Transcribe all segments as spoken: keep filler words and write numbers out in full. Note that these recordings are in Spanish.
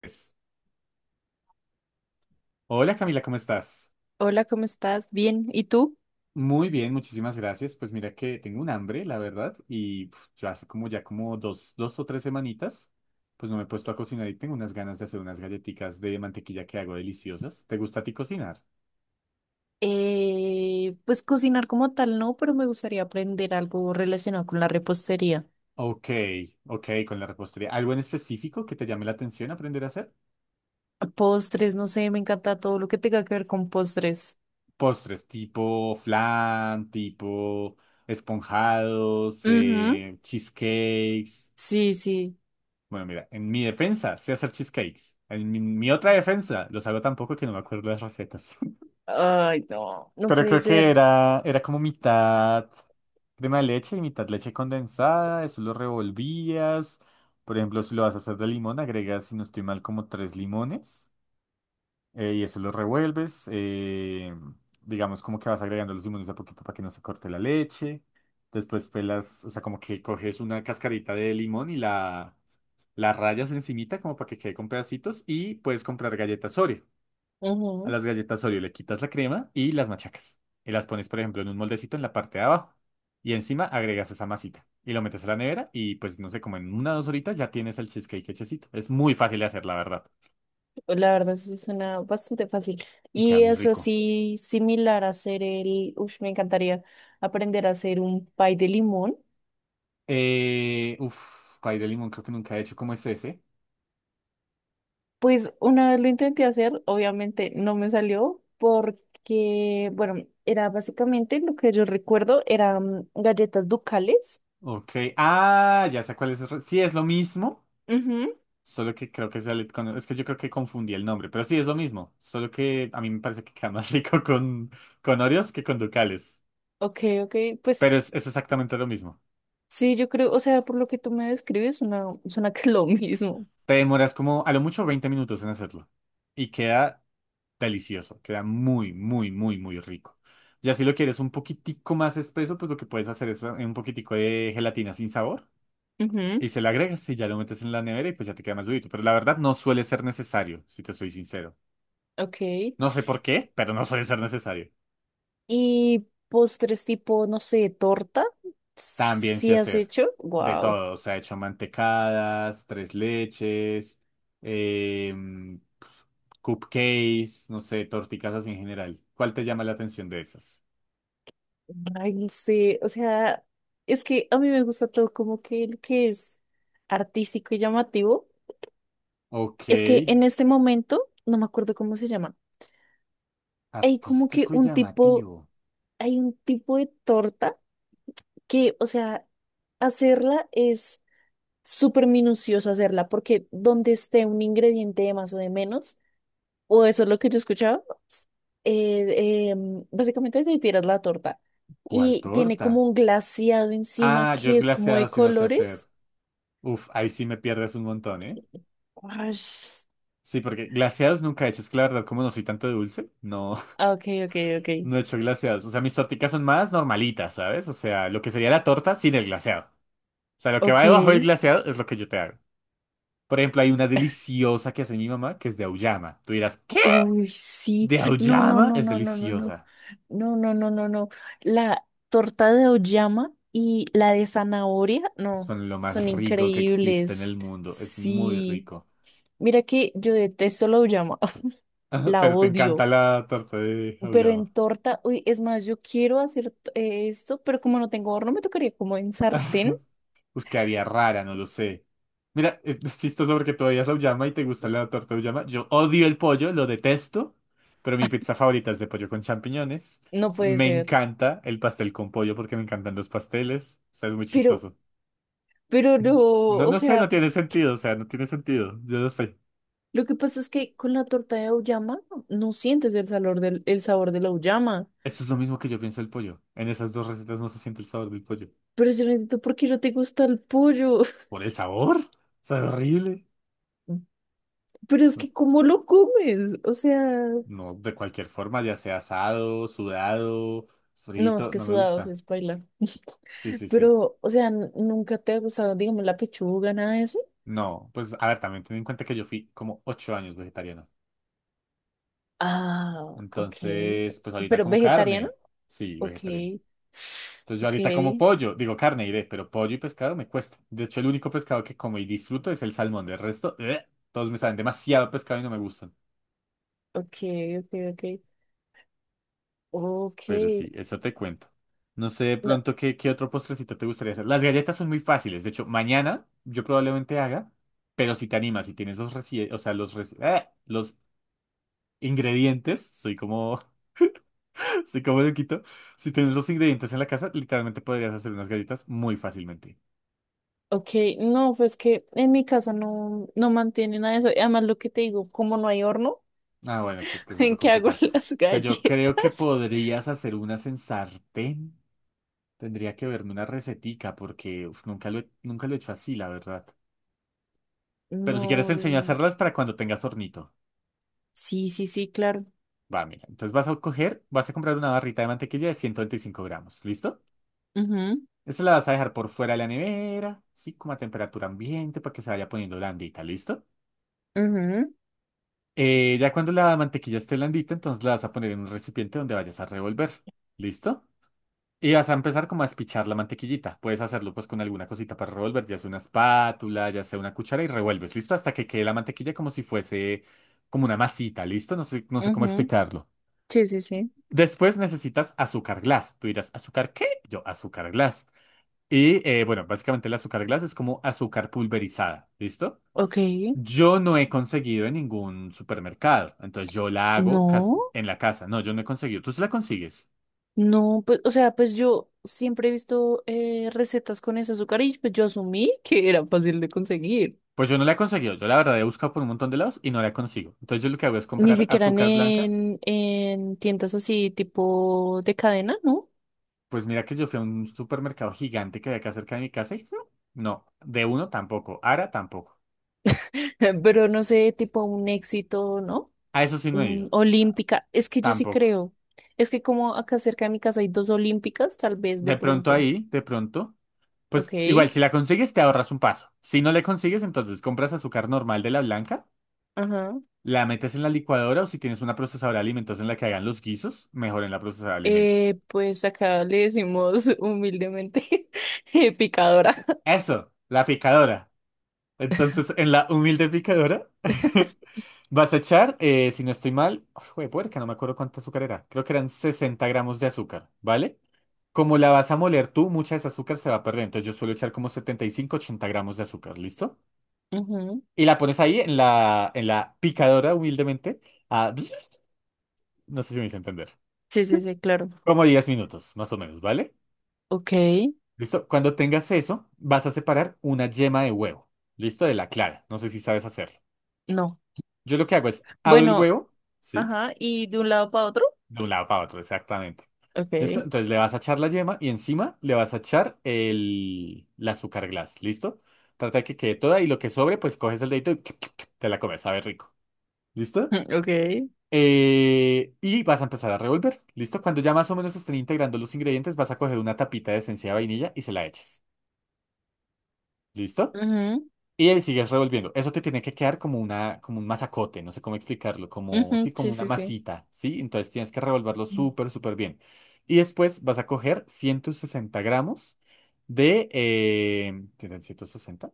Pues, hola Camila, ¿cómo estás? Hola, ¿cómo estás? Bien, ¿y tú? Muy bien, muchísimas gracias. Pues mira que tengo un hambre, la verdad, y puf, yo hace como ya como dos, dos o tres semanitas, pues no me he puesto a cocinar y tengo unas ganas de hacer unas galletitas de mantequilla que hago deliciosas. ¿Te gusta a ti cocinar? Eh, pues cocinar como tal no, pero me gustaría aprender algo relacionado con la repostería. Ok, ok, con la repostería. ¿Algo en específico que te llame la atención aprender a hacer? Postres, no sé, me encanta todo lo que tenga que ver con postres. Postres, tipo flan, tipo esponjados, Ujú. eh, cheesecakes. Sí, sí. Bueno, mira, en mi defensa sé hacer cheesecakes. En mi, mi otra defensa los hago tan poco que no me acuerdo las recetas. Ay, no, no Pero puede creo que ser. era, era como mitad crema de leche y mitad leche condensada. Eso lo revolvías. Por ejemplo, si lo vas a hacer de limón, agregas, si no estoy mal, como tres limones eh, y eso lo revuelves. Eh, digamos, como que vas agregando los limones de a poquito para que no se corte la leche. Después pelas, o sea, como que coges una cascarita de limón y la, la rayas encimita como para que quede con pedacitos. Y puedes comprar galletas Oreo. A Ujú. las galletas Oreo le quitas la crema y las machacas. Y las pones, por ejemplo, en un moldecito en la parte de abajo. Y encima agregas esa masita. Y lo metes a la nevera y pues no sé, como en una o dos horitas ya tienes el cheesecake hechecito. Es muy fácil de hacer, la verdad. La verdad sí suena bastante fácil. Y queda Y muy es rico. así similar a hacer el, uff, me encantaría aprender a hacer un pie de limón. Eh, uf, pay de limón creo que nunca he hecho. ¿Cómo es ese? Pues una vez lo intenté hacer, obviamente no me salió porque, bueno, era básicamente lo que yo recuerdo, eran galletas ducales. Ok. Ah, ya sé cuál es. Sí, es lo mismo. Ujú. Solo que creo que sale con... Es que yo creo que confundí el nombre. Pero sí, es lo mismo. Solo que a mí me parece que queda más rico con, con Oreos que con Ducales. Ok, ok, pues Pero es, es exactamente lo mismo. sí, yo creo, o sea, por lo que tú me describes, suena, suena que es lo mismo. Te demoras como a lo mucho veinte minutos en hacerlo. Y queda delicioso. Queda muy, muy, muy, muy rico. Ya si lo quieres un poquitico más espeso, pues lo que puedes hacer es eh, un poquitico de gelatina sin sabor. Ujú. Y se le agregas y ya lo metes en la nevera y pues ya te queda más durito. Pero la verdad no suele ser necesario, si te soy sincero. Ok. No sé por qué, pero no suele ser necesario. Y postres tipo, no sé, torta, También sé ¿si has hacer hecho? de Wow. todo. O sea, he hecho mantecadas, tres leches, em, cupcakes, no sé, torticasas en general. ¿Cuál te llama la atención de esas? Ay, no sé, o sea, es que a mí me gusta todo como que lo que es artístico y llamativo. Ok, Es que en este momento, no me acuerdo cómo se llama, hay como que artístico y un tipo, llamativo. hay un tipo de torta que, o sea, hacerla es súper minucioso hacerla, porque donde esté un ingrediente de más o de menos, o eso es lo que yo escuchaba, eh, em, básicamente te tiras la torta ¿Cuál y tiene como torta? un glaseado encima Ah, yo que es como glaseado de si no sé hacer. colores. Uf, ahí sí me pierdes un montón, ¿eh? Ush. Sí, porque glaseados nunca he hecho. Es que la verdad, como no soy tanto de dulce, no, Ah, ok, ok, ok. no he hecho glaseados. O sea, mis torticas son más normalitas, ¿sabes? O sea, lo que sería la torta sin el glaseado. O sea, lo que va Ok. debajo del glaseado es lo que yo te hago. Por ejemplo, hay una deliciosa que hace mi mamá que es de auyama. Tú dirás, ¿qué? Uy, sí. De No, no, auyama no, es no, no, no, no. deliciosa. No, no, no, no, no. La torta de oyama y la de zanahoria, no, Son lo son más rico que existe en el increíbles. mundo. Es muy Sí. rico. Mira que yo detesto la oyama, la Pero te encanta odio. la torta de Pero auyama. en torta, uy, es más, yo quiero hacer eh, esto, pero como no tengo horno, me tocaría como en sartén. Pues quedaría rara, no lo sé. Mira, eh, es chistoso porque tú odias la auyama y te gusta la torta de auyama. Yo odio el pollo, lo detesto, pero mi pizza favorita es de pollo con champiñones. No puede Me ser. encanta el pastel con pollo porque me encantan los pasteles. O sea, es muy Pero, chistoso. pero no, No, o no sé, no sea. tiene sentido, o sea, no tiene sentido. Yo lo sé. Lo que pasa es que con la torta de auyama no sientes el sabor del, el sabor de la auyama. Eso es lo mismo que yo pienso del pollo. En esas dos recetas no se siente el sabor del pollo. Pero yo no entiendo por qué no te gusta el pollo. ¿Por el sabor? Sabe horrible. Pero es No, que ¿cómo lo comes? O sea, no, de cualquier forma, ya sea asado, sudado, no, es frito, que no me sudados gusta. es bailar. Sí, sí, sí. Pero, o sea, n- ¿nunca te ha gustado, digamos, la pechuga, nada de eso? No, pues a ver, también ten en cuenta que yo fui como ocho años vegetariano. Ah, ok. Entonces, pues ahorita ¿Pero como vegetariana? carne. Sí, Ok. vegetariano. Entonces yo Ok, ahorita como pollo, digo carne iré, pero pollo y pescado me cuesta. De hecho, el único pescado que como y disfruto es el salmón. Del resto, ¡eh! todos me saben demasiado pescado y no me gustan. ok, ok, ok. Ok. Pero sí, eso te cuento. No sé de No, pronto qué, qué otro postrecito te gustaría hacer. Las galletas son muy fáciles. De hecho, mañana yo probablemente haga, pero si te animas, si tienes los reci- o sea, los, reci- ¡eh! los ingredientes, soy como así como lo quito, si tienes los ingredientes en la casa, literalmente podrías hacer unas galletas muy fácilmente. ok, no, pues que en mi casa no, no mantienen nada de eso. Y además, lo que te digo, como no hay horno, Ah, bueno, si es que eso es lo ¿en qué hago complicado. las Que yo creo que galletas? podrías hacer unas en sartén. Tendría que verme una recetica porque uf, nunca lo he, nunca lo he hecho así, la verdad. Pero si quieres No, te enseño a no. hacerlas para cuando tengas hornito. Sí, sí, sí, claro. Va, mira. Entonces vas a coger, vas a comprar una barrita de mantequilla de ciento veinticinco gramos. ¿Listo? Ujú, Esta la vas a dejar por fuera de la nevera, sí, como a temperatura ambiente para que se vaya poniendo blandita. ¿Listo? ujú, Eh, ya cuando la mantequilla esté blandita, entonces la vas a poner en un recipiente donde vayas a revolver. ¿Listo? Y vas a empezar como a espichar la mantequillita. Puedes hacerlo pues con alguna cosita para revolver, ya sea una espátula, ya sea una cuchara y revuelves, ¿listo? Hasta que quede la mantequilla como si fuese como una masita, ¿listo? No sé, no sé cómo ujú. explicarlo. Sí, sí, sí. Después necesitas azúcar glass. Tú dirás, ¿azúcar qué? Yo, azúcar glass. Y eh, bueno, básicamente el azúcar glass es como azúcar pulverizada, ¿listo? Ok. Yo no he conseguido en ningún supermercado, entonces yo la hago cas- No, en la casa. No, yo no he conseguido. ¿Tú se la consigues? no, pues, o sea, pues yo siempre he visto eh, recetas con ese azúcar y pues yo asumí que era fácil de conseguir. Pues yo no la he conseguido. Yo la verdad he buscado por un montón de lados y no la consigo. Entonces yo lo que hago es Ni comprar siquiera azúcar blanca. en, en tiendas así tipo de cadena, ¿no? Pues mira que yo fui a un supermercado gigante que había acá cerca de mi casa y mm, no, de uno tampoco, Ara tampoco. Pero no sé, tipo un éxito, ¿no? A eso sí no he Mm, ido, olímpica. Es que yo sí tampoco. creo. Es que como acá cerca de mi casa hay dos olímpicas, tal vez de De pronto pronto. ahí, de pronto, Ok. pues igual si la consigues te ahorras un paso. Si no le consigues, entonces compras azúcar normal de la blanca. Ajá. La metes en la licuadora o si tienes una procesadora de alimentos en la que hagan los guisos, mejor en la procesadora de alimentos. Eh, pues acá le decimos humildemente eh, picadora. Eso, la picadora. Entonces, en la humilde picadora, vas a echar, eh, si no estoy mal, de puerca, no me acuerdo cuánta azúcar era. Creo que eran sesenta gramos de azúcar, ¿vale? Como la vas a moler tú, mucha de esa azúcar se va a perder. Entonces, yo suelo echar como setenta y cinco ochenta gramos de azúcar, ¿listo? Ujú. Y la pones ahí en la, en la picadora, humildemente, a... No sé si me hice entender. Sí, sí, sí, claro. Como diez minutos, más o menos, ¿vale? Ok. ¿Listo? Cuando tengas eso, vas a separar una yema de huevo. ¿Listo? De la clara. No sé si sabes hacerlo. No. Yo lo que hago es abro el Bueno, huevo, ¿sí? ajá. ¿Y de un lado para otro? De un lado para otro, exactamente. ¿Listo? Ok. Entonces le vas a echar la yema y encima le vas a echar el, el azúcar glass. ¿Listo? Trata de que quede toda y lo que sobre, pues coges el dedito y te la comes. Sabe rico. ¿Listo? Ok. Eh, y vas a empezar a revolver. ¿Listo? Cuando ya más o menos estén integrando los ingredientes, vas a coger una tapita de esencia de vainilla y se la eches. ¿Listo? Ujú, Y ahí sigues revolviendo. Eso te tiene que quedar como una, como un masacote, no sé cómo explicarlo, como, ujú, sí, sí, como una sí, sí. masita, ¿sí? Entonces tienes que revolverlo Mm. súper, súper bien. Y después vas a coger ciento sesenta gramos de... Eh, ¿tienen ciento sesenta?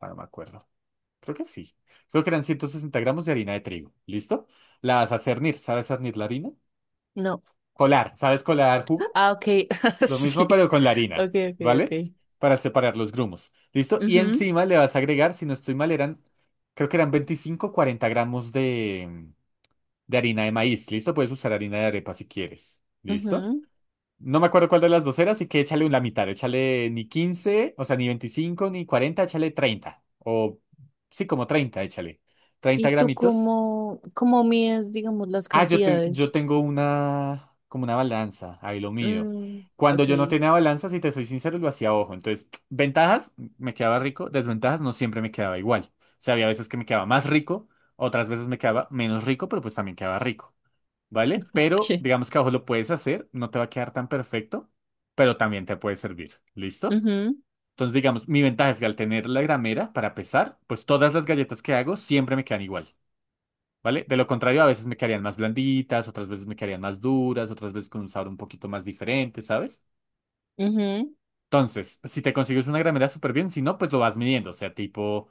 Ah, no me acuerdo. Creo que sí. Creo que eran ciento sesenta gramos de harina de trigo. ¿Listo? La vas a cernir. ¿Sabes cernir la harina? No. Colar. ¿Sabes colar jugo? Ah, ok. Lo mismo Sí. pero con la harina, Ok, ok, ok. ¿vale? Para separar los grumos. ¿Listo? Y Ujú, encima le vas a agregar, si no estoy mal, eran, creo que eran veinticinco o cuarenta gramos de, de, harina de maíz. ¿Listo? Puedes usar harina de arepa si quieres. ¿Listo? ujú. No me acuerdo cuál de las dos era, así que échale la mitad. Échale ni quince, o sea, ni veinticinco ni cuarenta, échale treinta. O sí, como treinta. Échale treinta ¿Y tú gramitos cómo, cómo mides, digamos, las Ah, yo, te- yo cantidades? tengo una, como una balanza, ahí lo mío. Mm, Cuando ok. yo no tenía balanza, si te soy sincero, lo hacía a ojo. Entonces, ventajas, me quedaba rico, desventajas, no siempre me quedaba igual. O sea, había veces que me quedaba más rico, otras veces me quedaba menos rico, pero pues también quedaba rico, ¿vale? Pero Sí. digamos que a ojo lo puedes hacer, no te va a quedar tan perfecto, pero también te puede servir, ¿listo? Ujú, Entonces, digamos, mi ventaja es que al tener la gramera para pesar, pues todas las galletas que hago siempre me quedan igual. ¿Vale? De lo contrario, a veces me quedarían más blanditas, otras veces me quedarían más duras, otras veces con un sabor un poquito más diferente, ¿sabes? ujú, Entonces, si te consigues una gramera súper bien, si no, pues lo vas midiendo. O sea, tipo,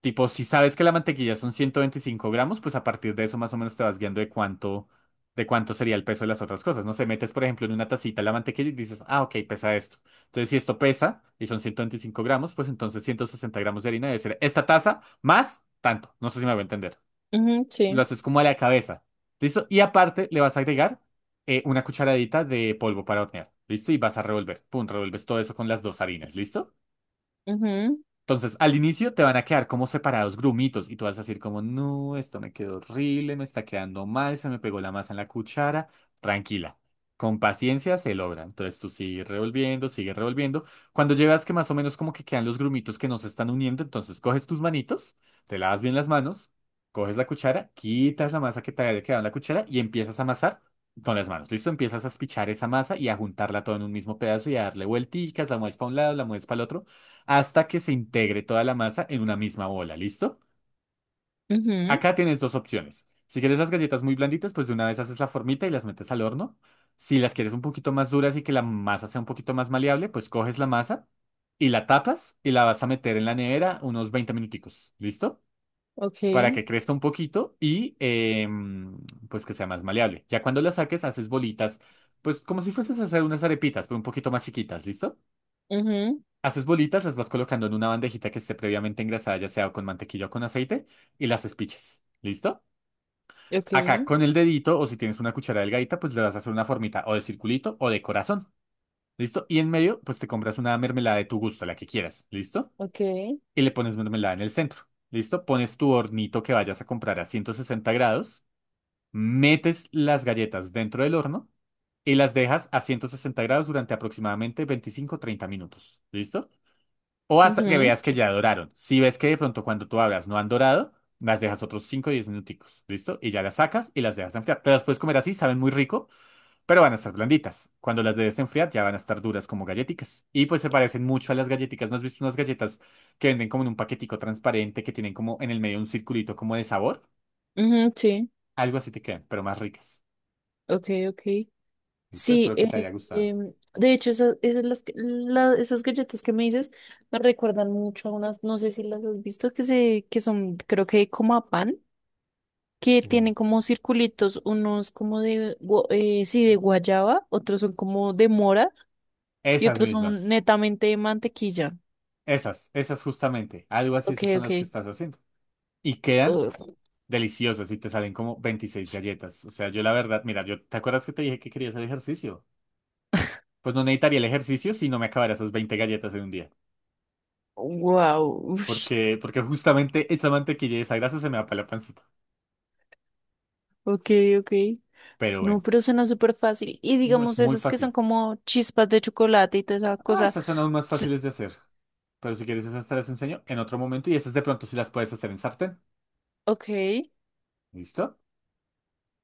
tipo, si sabes que la mantequilla son ciento veinticinco gramos, pues a partir de eso más o menos te vas guiando de cuánto, de cuánto sería el peso de las otras cosas. No sé, metes, por ejemplo, en una tacita la mantequilla y dices, ah, ok, pesa esto. Entonces, si esto pesa y son ciento veinticinco gramos, pues entonces ciento sesenta gramos de harina debe ser esta taza más tanto. No sé si me voy a entender. ujú, Lo sí. haces como a la cabeza. ¿Listo? Y aparte le vas a agregar eh, una cucharadita de polvo para hornear. ¿Listo? Y vas a revolver. Pum, revuelves todo eso con las dos harinas. ¿Listo? Ujú, Entonces, al inicio te van a quedar como separados grumitos y tú vas a decir como, no, esto me quedó horrible, me está quedando mal, se me pegó la masa en la cuchara. Tranquila, con paciencia se logra. Entonces tú sigues revolviendo, sigues revolviendo. Cuando llegas que más o menos como que quedan los grumitos que no se están uniendo, entonces coges tus manitos, te lavas bien las manos, coges la cuchara, quitas la masa que te haya quedado en la cuchara y empiezas a amasar con las manos. ¿Listo? Empiezas a espichar esa masa y a juntarla todo en un mismo pedazo y a darle vuelticas, la mueves para un lado, la mueves para el otro hasta que se integre toda la masa en una misma bola, ¿listo? ujú, Acá tienes dos opciones. Si quieres las galletas muy blanditas, pues de una vez haces la formita y las metes al horno. Si las quieres un poquito más duras y que la masa sea un poquito más maleable, pues coges la masa y la tapas y la vas a meter en la nevera unos veinte minuticos, ¿listo? ok. Para que crezca un poquito y em, pues que sea más maleable. Ya cuando la saques, haces bolitas, pues como si fueses a hacer unas arepitas, pero un poquito más chiquitas, ¿listo? Ujú, Haces bolitas, las vas colocando en una bandejita que esté previamente engrasada, ya sea con mantequilla o con aceite, y las espiches. ¿Listo? ok, Acá con el dedito, o si tienes una cuchara delgadita, pues le vas a hacer una formita o de circulito o de corazón. ¿Listo? Y en medio, pues te compras una mermelada de tu gusto, la que quieras. ¿Listo? ok. Y le pones mermelada en el centro. ¿Listo? Pones tu hornito que vayas a comprar a ciento sesenta grados, metes las galletas dentro del horno y las dejas a ciento sesenta grados durante aproximadamente veinticinco treinta minutos. ¿Listo? O hasta que Ujú, veas que ya doraron. Si ves que de pronto cuando tú abras no han dorado, las dejas otros cinco o diez minuticos, ¿listo? Y ya las sacas y las dejas enfriar. Te las puedes comer así, saben muy rico, pero van a estar blanditas. Cuando las debes enfriar ya van a estar duras como galletitas. Y pues se parecen mucho a las galletitas. ¿No has visto unas galletas que venden como en un paquetico transparente que tienen como en el medio un circulito como de sabor? ujú, sí. Algo así te quedan, pero más ricas. Ok, ok. ¿Listo? Sí, Espero que te eh, haya gustado. em, de hecho, esas, esas, las que- la- esas galletas que me dices me recuerdan mucho a unas, no sé si las has visto, que se, que son, creo que como a pan, que Uy. tienen como circulitos, unos como de, gua- eh, sí, de guayaba, otros son como de mora y Esas otros son mismas. netamente de mantequilla. Esas, esas justamente. Algo así, Ok, esas son ok. las que estás haciendo. Y quedan deliciosos y te salen como veintiséis galletas. O sea, yo la verdad, mira, yo, ¿te acuerdas que te dije que quería hacer ejercicio? Pues no necesitaría el ejercicio si no me acabara esas veinte galletas en un día. Wow. Porque, porque justamente esa mantequilla y esa grasa se me va para la pancita. Ok, ok. Pero No, bueno, pero suena súper fácil. Y no, es digamos muy esas que son fácil. como chispas de chocolate y toda esa Ah, cosa. esas son aún más Ts- fáciles de hacer. Pero si quieres esas te las enseño en otro momento y esas de pronto sí las puedes hacer en sartén. Ok, ¿Listo?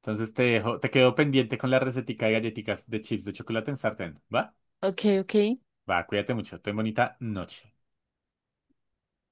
Entonces te dejo, te quedo pendiente con la recetica de galletitas de chips de chocolate en sartén. ¿Va? ok, ok. Va, cuídate mucho. Ten bonita noche.